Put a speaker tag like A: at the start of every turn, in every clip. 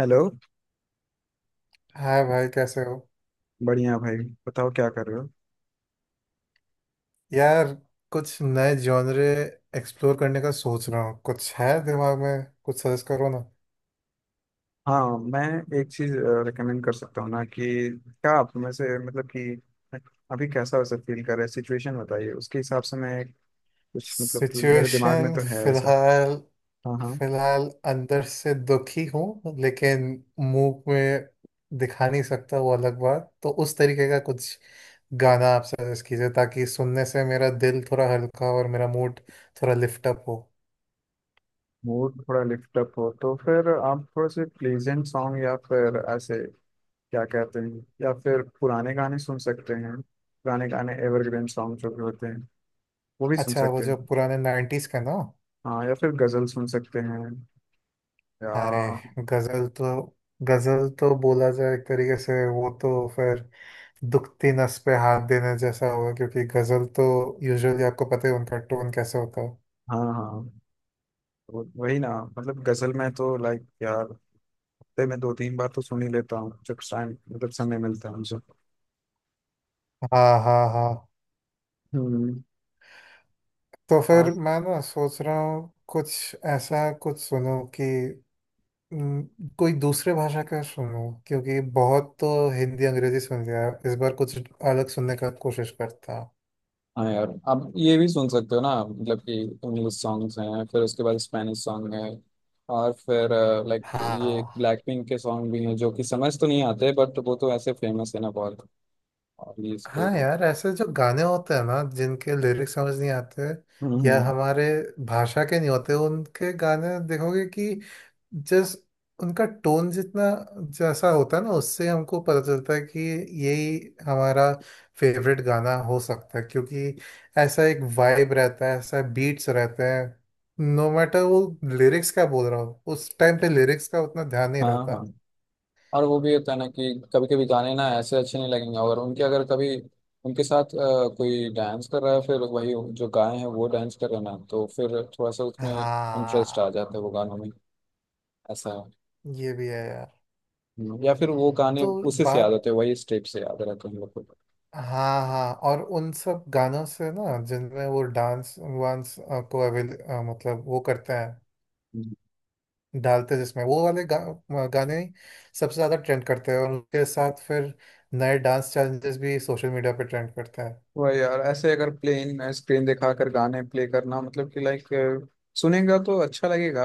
A: Hello.
B: Hi भाई, कैसे हो?
A: बढ़िया भाई। बताओ क्या कर रहे हो।
B: यार, कुछ नए जॉनरे एक्सप्लोर करने का सोच रहा हूँ। कुछ है दिमाग में? कुछ सजेस्ट करो ना।
A: हाँ, मैं एक चीज़ रिकमेंड कर सकता हूँ ना कि क्या आप में से मतलब कि अभी कैसा वैसा फील कर रहे हैं, सिचुएशन बताइए। उसके हिसाब से मैं कुछ, मतलब कि मेरे दिमाग में
B: सिचुएशन
A: तो है ऐसा।
B: फिलहाल,
A: हाँ हाँ।
B: फिलहाल अंदर से दुखी हूँ, लेकिन मुंह में दिखा नहीं सकता, वो अलग बात। तो उस तरीके का कुछ गाना आप सजेस्ट कीजिए, ताकि सुनने से मेरा दिल थोड़ा हल्का और मेरा मूड थोड़ा लिफ्ट अप हो।
A: मूड थोड़ा लिफ्ट अप हो तो फिर आप थोड़े से प्लीजेंट सॉन्ग या फिर ऐसे क्या कहते हैं, या फिर पुराने गाने सुन सकते हैं। पुराने गाने एवरग्रीन सॉन्ग जो भी होते हैं वो भी सुन
B: अच्छा, वो
A: सकते
B: जो
A: हैं।
B: पुराने नाइन्टीज का ना।
A: हाँ, या फिर गज़ल सुन सकते हैं, या
B: अरे, गजल तो, गजल तो बोला जाए एक तरीके से, वो तो फिर दुखती नस पे हाथ देने जैसा होगा, क्योंकि गजल तो यूजुअली आपको पता है उनका टोन कैसे होता है।
A: हाँ हाँ वही ना। मतलब गजल में तो लाइक यार हफ्ते में दो तीन बार तो सुन ही लेता हूँ जब टाइम, मतलब समय मिलता है मुझे।
B: हाँ, हाँ, हाँ।
A: हम्म।
B: तो
A: और
B: फिर मैं ना सोच रहा हूँ कुछ ऐसा कुछ सुनूं कि हम्म, कोई दूसरे भाषा का सुनूं, क्योंकि बहुत तो हिंदी अंग्रेजी सुन लिया है। इस बार कुछ अलग सुनने का कोशिश करता हूँ।
A: हाँ यार, आप ये भी सुन सकते हो ना, मतलब कि इंग्लिश सॉन्ग्स हैं, फिर उसके बाद स्पेनिश सॉन्ग है और फिर लाइक ये
B: हाँ।
A: ब्लैक पिंक के सॉन्ग भी हैं जो कि समझ तो नहीं आते बट वो तो ऐसे फेमस है ना बहुत। और ये इसके
B: हाँ
A: भी।
B: यार, ऐसे जो गाने होते हैं ना जिनके लिरिक्स समझ नहीं आते
A: हम्म
B: या
A: हम्म,
B: हमारे भाषा के नहीं होते, उनके गाने देखोगे कि जिस उनका टोन जितना जैसा होता है ना, उससे हमको पता चलता है कि यही हमारा फेवरेट गाना हो सकता है, क्योंकि ऐसा एक वाइब रहता है, ऐसा बीट्स रहते हैं। नो मैटर वो लिरिक्स क्या बोल रहा हो, उस टाइम पे लिरिक्स का उतना ध्यान नहीं
A: हाँ
B: रहता।
A: हाँ, और वो भी होता है ना कि कभी कभी गाने ना ऐसे अच्छे नहीं लगेंगे, और उनके अगर कभी उनके साथ कोई डांस कर रहा है, फिर वही जो गाए हैं वो डांस कर रहे हैं ना तो फिर थोड़ा सा उसमें इंटरेस्ट आ
B: हाँ,
A: जाता है वो गानों में। ऐसा है।
B: ये भी है यार।
A: या फिर वो गाने
B: तो
A: उसी से याद
B: बात,
A: होते हैं, वही स्टेप से याद रहते हैं हम लोग
B: हाँ हाँ, और उन सब गानों से ना जिनमें वो डांस वांस को अवेल मतलब वो करते हैं,
A: को।
B: डालते हैं जिसमें वो वाले गाने ही सबसे ज़्यादा ट्रेंड करते हैं, और उनके साथ फिर नए डांस चैलेंजेस भी सोशल मीडिया पे ट्रेंड करते हैं।
A: वही यार, ऐसे अगर प्लेन स्क्रीन दिखा कर गाने प्ले करना, मतलब कि लाइक सुनेगा तो अच्छा लगेगा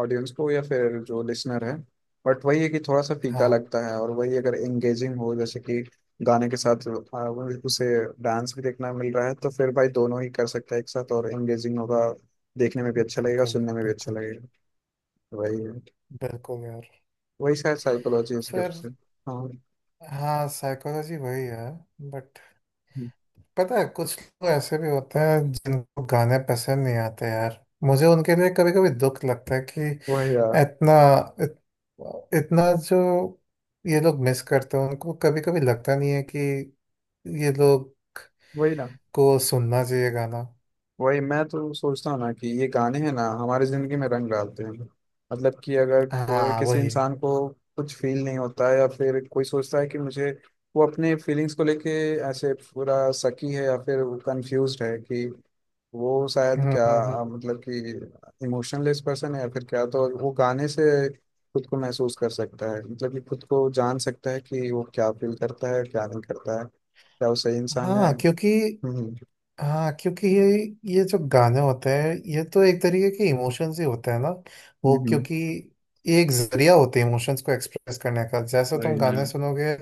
A: ऑडियंस को या फिर जो लिसनर है, बट वही है कि थोड़ा सा फीका
B: हाँ,
A: लगता है। और वही अगर एंगेजिंग हो जैसे कि गाने के साथ उसे डांस भी देखना मिल रहा है तो फिर भाई दोनों ही कर सकता है एक साथ, और एंगेजिंग होगा, देखने में भी अच्छा लगेगा,
B: बिल्कुल,
A: सुनने में भी अच्छा
B: बिल्कुल।
A: लगेगा। वही है।
B: बिल्कुल यार।
A: वही शायद साइकोलॉजी इसके
B: फिर
A: पीछे। हाँ।
B: हाँ, साइकोलॉजी वही है। बट पता है, कुछ लोग ऐसे भी होते हैं जिनको गाने पसंद नहीं आते यार, मुझे उनके लिए कभी कभी दुख लगता है कि
A: वही यार।
B: इतना, इत, इतना जो ये लोग मिस करते हैं, उनको कभी कभी लगता नहीं है कि ये लोग
A: वही ना।
B: को सुनना चाहिए गाना।
A: वही, मैं तो सोचता हूँ ना कि ये गाने हैं ना हमारी जिंदगी में रंग डालते हैं। मतलब कि अगर कोई
B: हाँ
A: किसी
B: वही।
A: इंसान को कुछ फील नहीं होता है या फिर कोई सोचता है कि मुझे वो अपने फीलिंग्स को लेके ऐसे पूरा सकी है या फिर वो कंफ्यूज्ड है कि वो शायद
B: हम्म
A: क्या,
B: हम्म हम्म।
A: मतलब कि इमोशनलेस पर्सन है या फिर क्या, तो वो गाने से खुद को महसूस कर सकता है, मतलब कि खुद को जान सकता है कि वो क्या फील करता है क्या नहीं करता है, क्या वो सही इंसान है।
B: हाँ, क्योंकि
A: हम्म
B: हाँ क्योंकि ये जो गाने होते हैं ये तो एक तरीके के इमोशंस ही होते हैं ना। वो
A: हम्म।
B: क्योंकि ये एक जरिया होते हैं इमोशंस को एक्सप्रेस करने का। जैसे तुम
A: वही ना।
B: गाने सुनोगे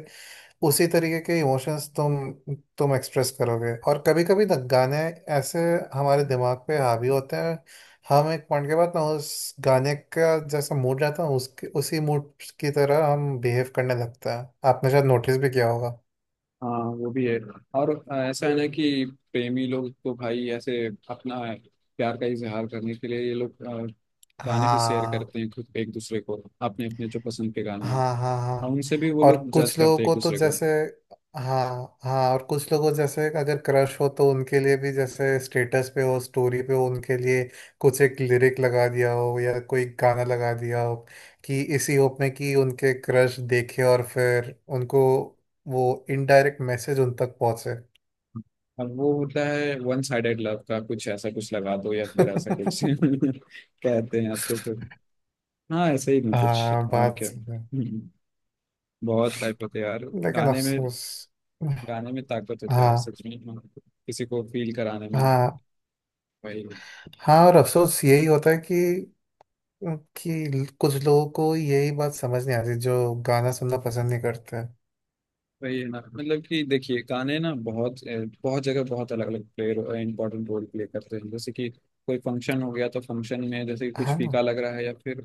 B: उसी तरीके के इमोशंस तुम एक्सप्रेस करोगे। और कभी कभी ना गाने ऐसे हमारे दिमाग पे हावी होते हैं। हम एक पॉइंट के बाद ना उस गाने का जैसा मूड रहता है, उसके उसी मूड की तरह हम बिहेव करने लगता है। आपने शायद नोटिस भी किया होगा।
A: हाँ वो भी है। और ऐसा है ना कि प्रेमी लोग तो भाई ऐसे अपना प्यार का इजहार करने के लिए ये लोग गाने भी शेयर
B: हाँ
A: करते हैं खुद एक दूसरे को, अपने अपने जो पसंद के गाने हैं।
B: हाँ। हाँ
A: और
B: हाँ,
A: उनसे भी वो
B: और
A: लोग जज
B: कुछ लोगों
A: करते हैं एक
B: को तो
A: दूसरे को।
B: जैसे, हाँ हाँ, और कुछ लोगों जैसे अगर क्रश हो तो उनके लिए भी, जैसे स्टेटस पे हो स्टोरी पे हो, उनके लिए कुछ एक लिरिक लगा दिया हो या कोई गाना लगा दिया हो, कि इसी होप में कि उनके क्रश देखे और फिर उनको वो इनडायरेक्ट मैसेज उन तक पहुंचे।
A: अब वो होता है वन साइडेड लव का, कुछ ऐसा कुछ लगा दो या फिर ऐसा कुछ कहते हैं अब तो फिर। हाँ ऐसे ही नहीं, कुछ
B: हाँ,
A: और
B: बात
A: क्या
B: सही है।
A: बहुत टाइप होते हैं यार
B: लेकिन
A: गाने में।
B: अफसोस,
A: गाने में ताकत होता है
B: हाँ
A: सच में, किसी को फील कराने में।
B: हाँ
A: वही है।
B: हाँ, और अफसोस यही होता है कि क्योंकि कुछ लोगों को यही बात समझ नहीं आती, जो गाना सुनना पसंद नहीं करते हैं।
A: वही है ना, मतलब कि देखिए गाने ना बहुत बहुत जगह बहुत अलग अलग प्ले इंपॉर्टेंट रोल प्ले करते हैं। जैसे कि कोई फंक्शन हो गया तो फंक्शन में जैसे कि कुछ
B: है
A: फीका
B: ना।
A: लग रहा है या फिर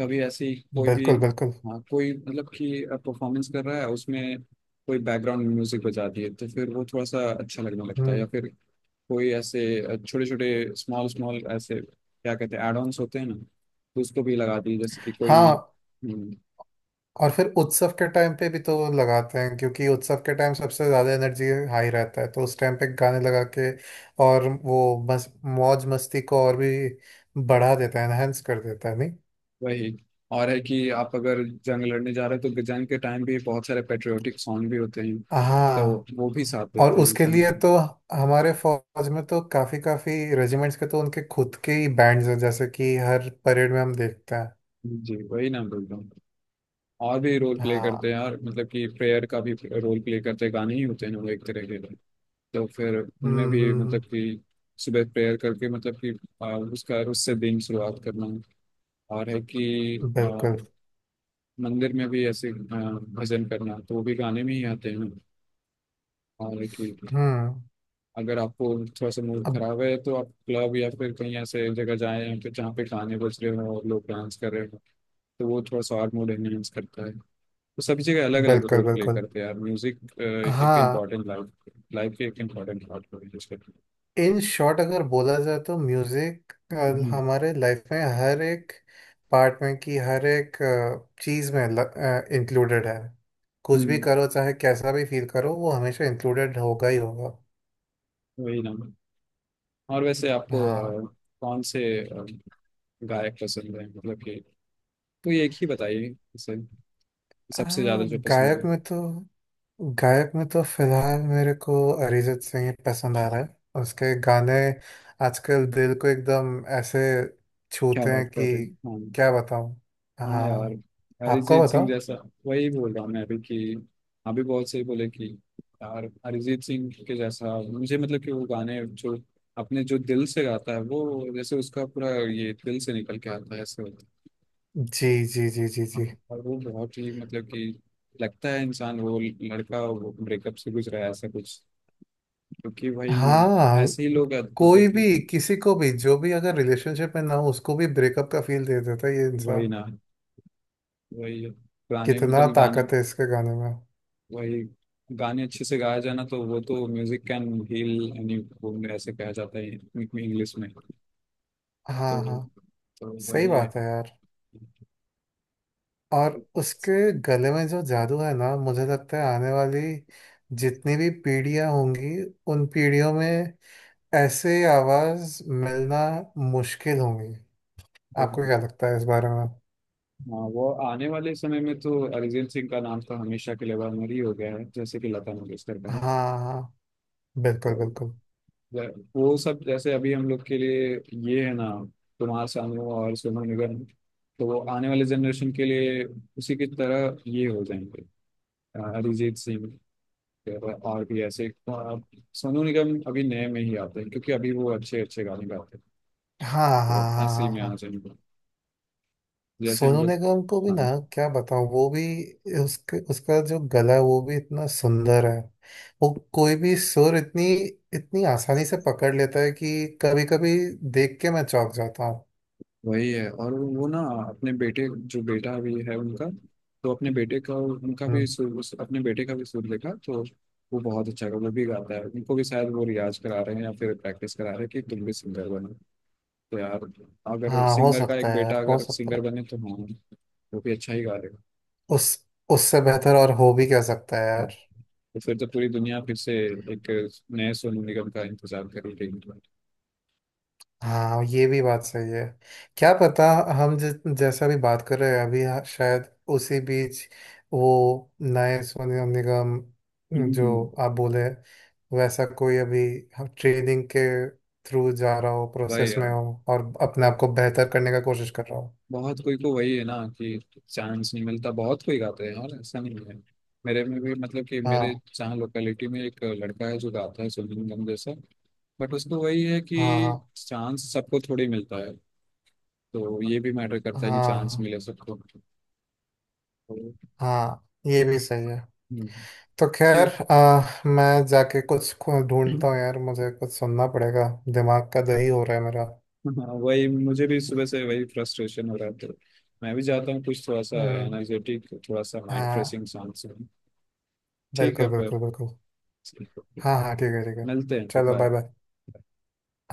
A: कभी ऐसी कोई भी,
B: बिल्कुल, बिल्कुल।
A: हाँ कोई, मतलब कि परफॉर्मेंस कर रहा है उसमें कोई बैकग्राउंड म्यूजिक बजा दिए तो फिर वो थोड़ा सा अच्छा लगने लगता है।
B: हम्म।
A: या फिर कोई ऐसे छोटे छोटे स्मॉल स्मॉल ऐसे क्या कहते हैं एड ऑन्स होते हैं ना, तो उसको भी लगा दिए जैसे कि कोई।
B: हाँ, और फिर उत्सव के टाइम पे भी तो लगाते हैं, क्योंकि उत्सव के टाइम सबसे ज़्यादा एनर्जी हाई रहता है, तो उस टाइम पे गाने लगा के और वो मौज मस्ती को और भी बढ़ा देता है, एनहेंस कर देता है नहीं।
A: वही, और है कि आप अगर जंग लड़ने जा रहे हो तो जंग के टाइम भी बहुत सारे पेट्रियोटिक सॉन्ग भी होते हैं, तो
B: हाँ,
A: वो भी साथ
B: और
A: देते हैं
B: उसके
A: इंसान
B: लिए
A: के।
B: तो हमारे फौज में तो काफ़ी काफ़ी रेजिमेंट्स के तो उनके खुद के ही बैंड्स हैं, जैसे कि हर परेड में हम देखते हैं।
A: जी वही ना बोल रहा हूँ। और भी रोल प्ले
B: हाँ।
A: करते हैं, और मतलब कि प्रेयर का भी रोल प्ले करते हैं, गाने ही होते हैं ना वो एक तरह के। तो फिर उनमें
B: हम्म
A: भी
B: हम्म,
A: मतलब
B: हम्म,
A: कि सुबह प्रेयर करके, मतलब कि उसका उससे दिन शुरुआत करना। और है कि
B: बिल्कुल।
A: मंदिर में भी ऐसे भजन करना, तो वो भी गाने में ही आते हैं। और है कि
B: हम्म।
A: अगर आपको थोड़ा सा मूड
B: अब
A: खराब है तो आप क्लब या फिर कहीं ऐसे जगह जाएं या फिर जहाँ पे गाने बज रहे हो और लोग डांस कर रहे हो, तो वो थोड़ा सा और मूड एनहेंस करता है। तो सभी जगह अलग अलग
B: बिल्कुल,
A: रोल प्ले
B: बिल्कुल।
A: करते हैं यार म्यूजिक। एक
B: हाँ।
A: इम्पॉर्टेंट लाइफ लाइफ की एक इम्पॉर्टेंट पार्ट हो गई जिसके।
B: इन शॉर्ट अगर बोला जाए तो म्यूजिक
A: हम्म।
B: हमारे लाइफ में हर एक पार्ट में की हर एक चीज में इंक्लूडेड है। कुछ भी
A: हम्म,
B: करो, चाहे कैसा भी फील करो, वो हमेशा इंक्लूडेड होगा ही होगा।
A: वही ना। और वैसे आपको
B: हाँ।
A: अ, कौन से गायक पसंद है, मतलब कि तो एक ही बताइए इसे, सबसे ज्यादा
B: हाँ
A: जो पसंद
B: गायक
A: है।
B: में तो गायक में तो फिलहाल मेरे को अरिजीत सिंह ही पसंद आ रहा है। उसके गाने आजकल दिल को एकदम ऐसे
A: क्या
B: छूते
A: बात
B: हैं कि
A: कर रहे हैं। हाँ।
B: क्या बताऊं।
A: हाँ यार,
B: हाँ, आपको
A: अरिजीत सिंह
B: बताओ।
A: जैसा। वही बोल रहा हूँ मैं अभी कि अभी बहुत सही बोले कि यार अरिजीत सिंह के जैसा, मुझे मतलब कि वो गाने जो अपने जो दिल से गाता है वो जैसे उसका पूरा ये दिल से निकल के आता है ऐसे होता है।
B: जी जी जी जी
A: हाँ,
B: जी।
A: और वो बहुत ही मतलब कि लगता है इंसान वो लड़का ब्रेकअप से गुजरा है ऐसा कुछ, क्योंकि वही
B: हाँ,
A: ऐसे ही लोग हैं, मतलब
B: कोई
A: कि
B: भी किसी को भी, जो भी अगर रिलेशनशिप में ना हो उसको भी ब्रेकअप का फील दे देता है ये
A: वही
B: इंसान।
A: ना। वही पुराने
B: कितना
A: मतलब गाने।
B: ताकत है इसके गाने में।
A: वही, गाने अच्छे से गाया जाए ना तो वो तो music can heal any wound, ऐसे कहा जाता है इंग्लिश में, तो
B: हाँ हाँ,
A: तो
B: सही
A: वही है।
B: बात है यार। और उसके गले में जो जादू है ना, मुझे लगता है आने वाली जितनी भी पीढ़ियां होंगी उन पीढ़ियों में ऐसे आवाज मिलना मुश्किल होंगी। आपको क्या लगता है इस बारे में?
A: हाँ वो आने वाले समय में तो अरिजीत सिंह का नाम तो हमेशा के लिए अमर ही हो गया है जैसे कि लता मंगेशकर का
B: हाँ
A: है।
B: हाँ, बिल्कुल
A: तो
B: बिल्कुल।
A: वो सब जैसे अभी हम लोग के लिए ये है ना कुमार सानू और सोनू निगम, तो वो आने वाले जनरेशन के लिए उसी की तरह ये हो जाएंगे, अरिजीत सिंह। और भी ऐसे सोनू निगम अभी नए में ही आते हैं क्योंकि अभी वो अच्छे अच्छे गाने गाते हैं,
B: हाँ हाँ
A: तो
B: हाँ
A: ऐसे ही
B: हाँ
A: में आना
B: हाँ।
A: चाहिए उनको। जैसे हम
B: सोनू
A: लोग।
B: निगम को भी
A: हाँ
B: ना क्या बताऊँ, वो भी, उसके उसका जो गला है वो भी इतना सुंदर है। वो कोई भी सुर इतनी, इतनी आसानी से पकड़ लेता है कि कभी कभी देख के मैं चौंक जाता हूँ।
A: वही है। और वो ना अपने बेटे, जो बेटा अभी है उनका, तो अपने बेटे का उनका भी
B: हम्म।
A: सुर, अपने बेटे का भी सुर देखा तो वो बहुत अच्छा वो भी गाता है। उनको भी शायद वो रियाज करा रहे हैं या फिर प्रैक्टिस करा रहे हैं कि तुम भी सिंगर बनो। तो यार, अगर
B: हाँ, हो
A: सिंगर का
B: सकता
A: एक
B: है
A: बेटा
B: यार, हो
A: अगर
B: सकता
A: सिंगर
B: है।
A: बने तो हाँ वो भी अच्छा ही गा लेगा।
B: उस, उससे बेहतर और हो भी क्या सकता है यार।
A: तो फिर तो पूरी दुनिया फिर से एक नए सोनू निगम का इंतजार कर रही है।
B: हाँ, ये भी बात सही है। क्या पता, हम जि, जैसा भी बात कर रहे हैं अभी, हाँ, शायद उसी बीच वो नए सोनू निगम
A: हम्म,
B: जो आप बोले वैसा कोई अभी ट्रेनिंग के थ्रू जा रहा हो,
A: वही
B: प्रोसेस में
A: यार,
B: हो और अपने आप को बेहतर करने का कोशिश कर रहा हो।
A: बहुत कोई को वही है ना कि चांस नहीं मिलता। बहुत कोई गाते हैं और ऐसा नहीं है, मेरे में भी मतलब कि मेरे
B: हाँ
A: जहाँ लोकेलिटी में एक लड़का है जो गाता है सोनू निगम जैसा, बट उसको वही है कि
B: हाँ हाँ
A: चांस सबको थोड़ी मिलता है। तो ये भी मैटर करता है कि चांस
B: हाँ
A: मिले सबको। तो,
B: हाँ, ये भी सही है।
A: हम्म,
B: तो खैर
A: ठीक।
B: मैं जाके कुछ ढूंढता हूँ यार, मुझे कुछ सुनना पड़ेगा। दिमाग का दही हो रहा है मेरा।
A: हाँ वही मुझे भी सुबह से वही फ्रस्ट्रेशन हो रहा था। मैं भी चाहता हूँ कुछ थोड़ा सा
B: हम्म।
A: एनर्जेटिक थोड़ा सा माइंड
B: हाँ,
A: फ्रेशिंग सॉन्ग सुन। ठीक है
B: बिल्कुल
A: फिर,
B: बिल्कुल बिल्कुल। हाँ हाँ, ठीक है, ठीक है।
A: मिलते हैं फिर,
B: चलो, बाय
A: बाय।
B: बाय।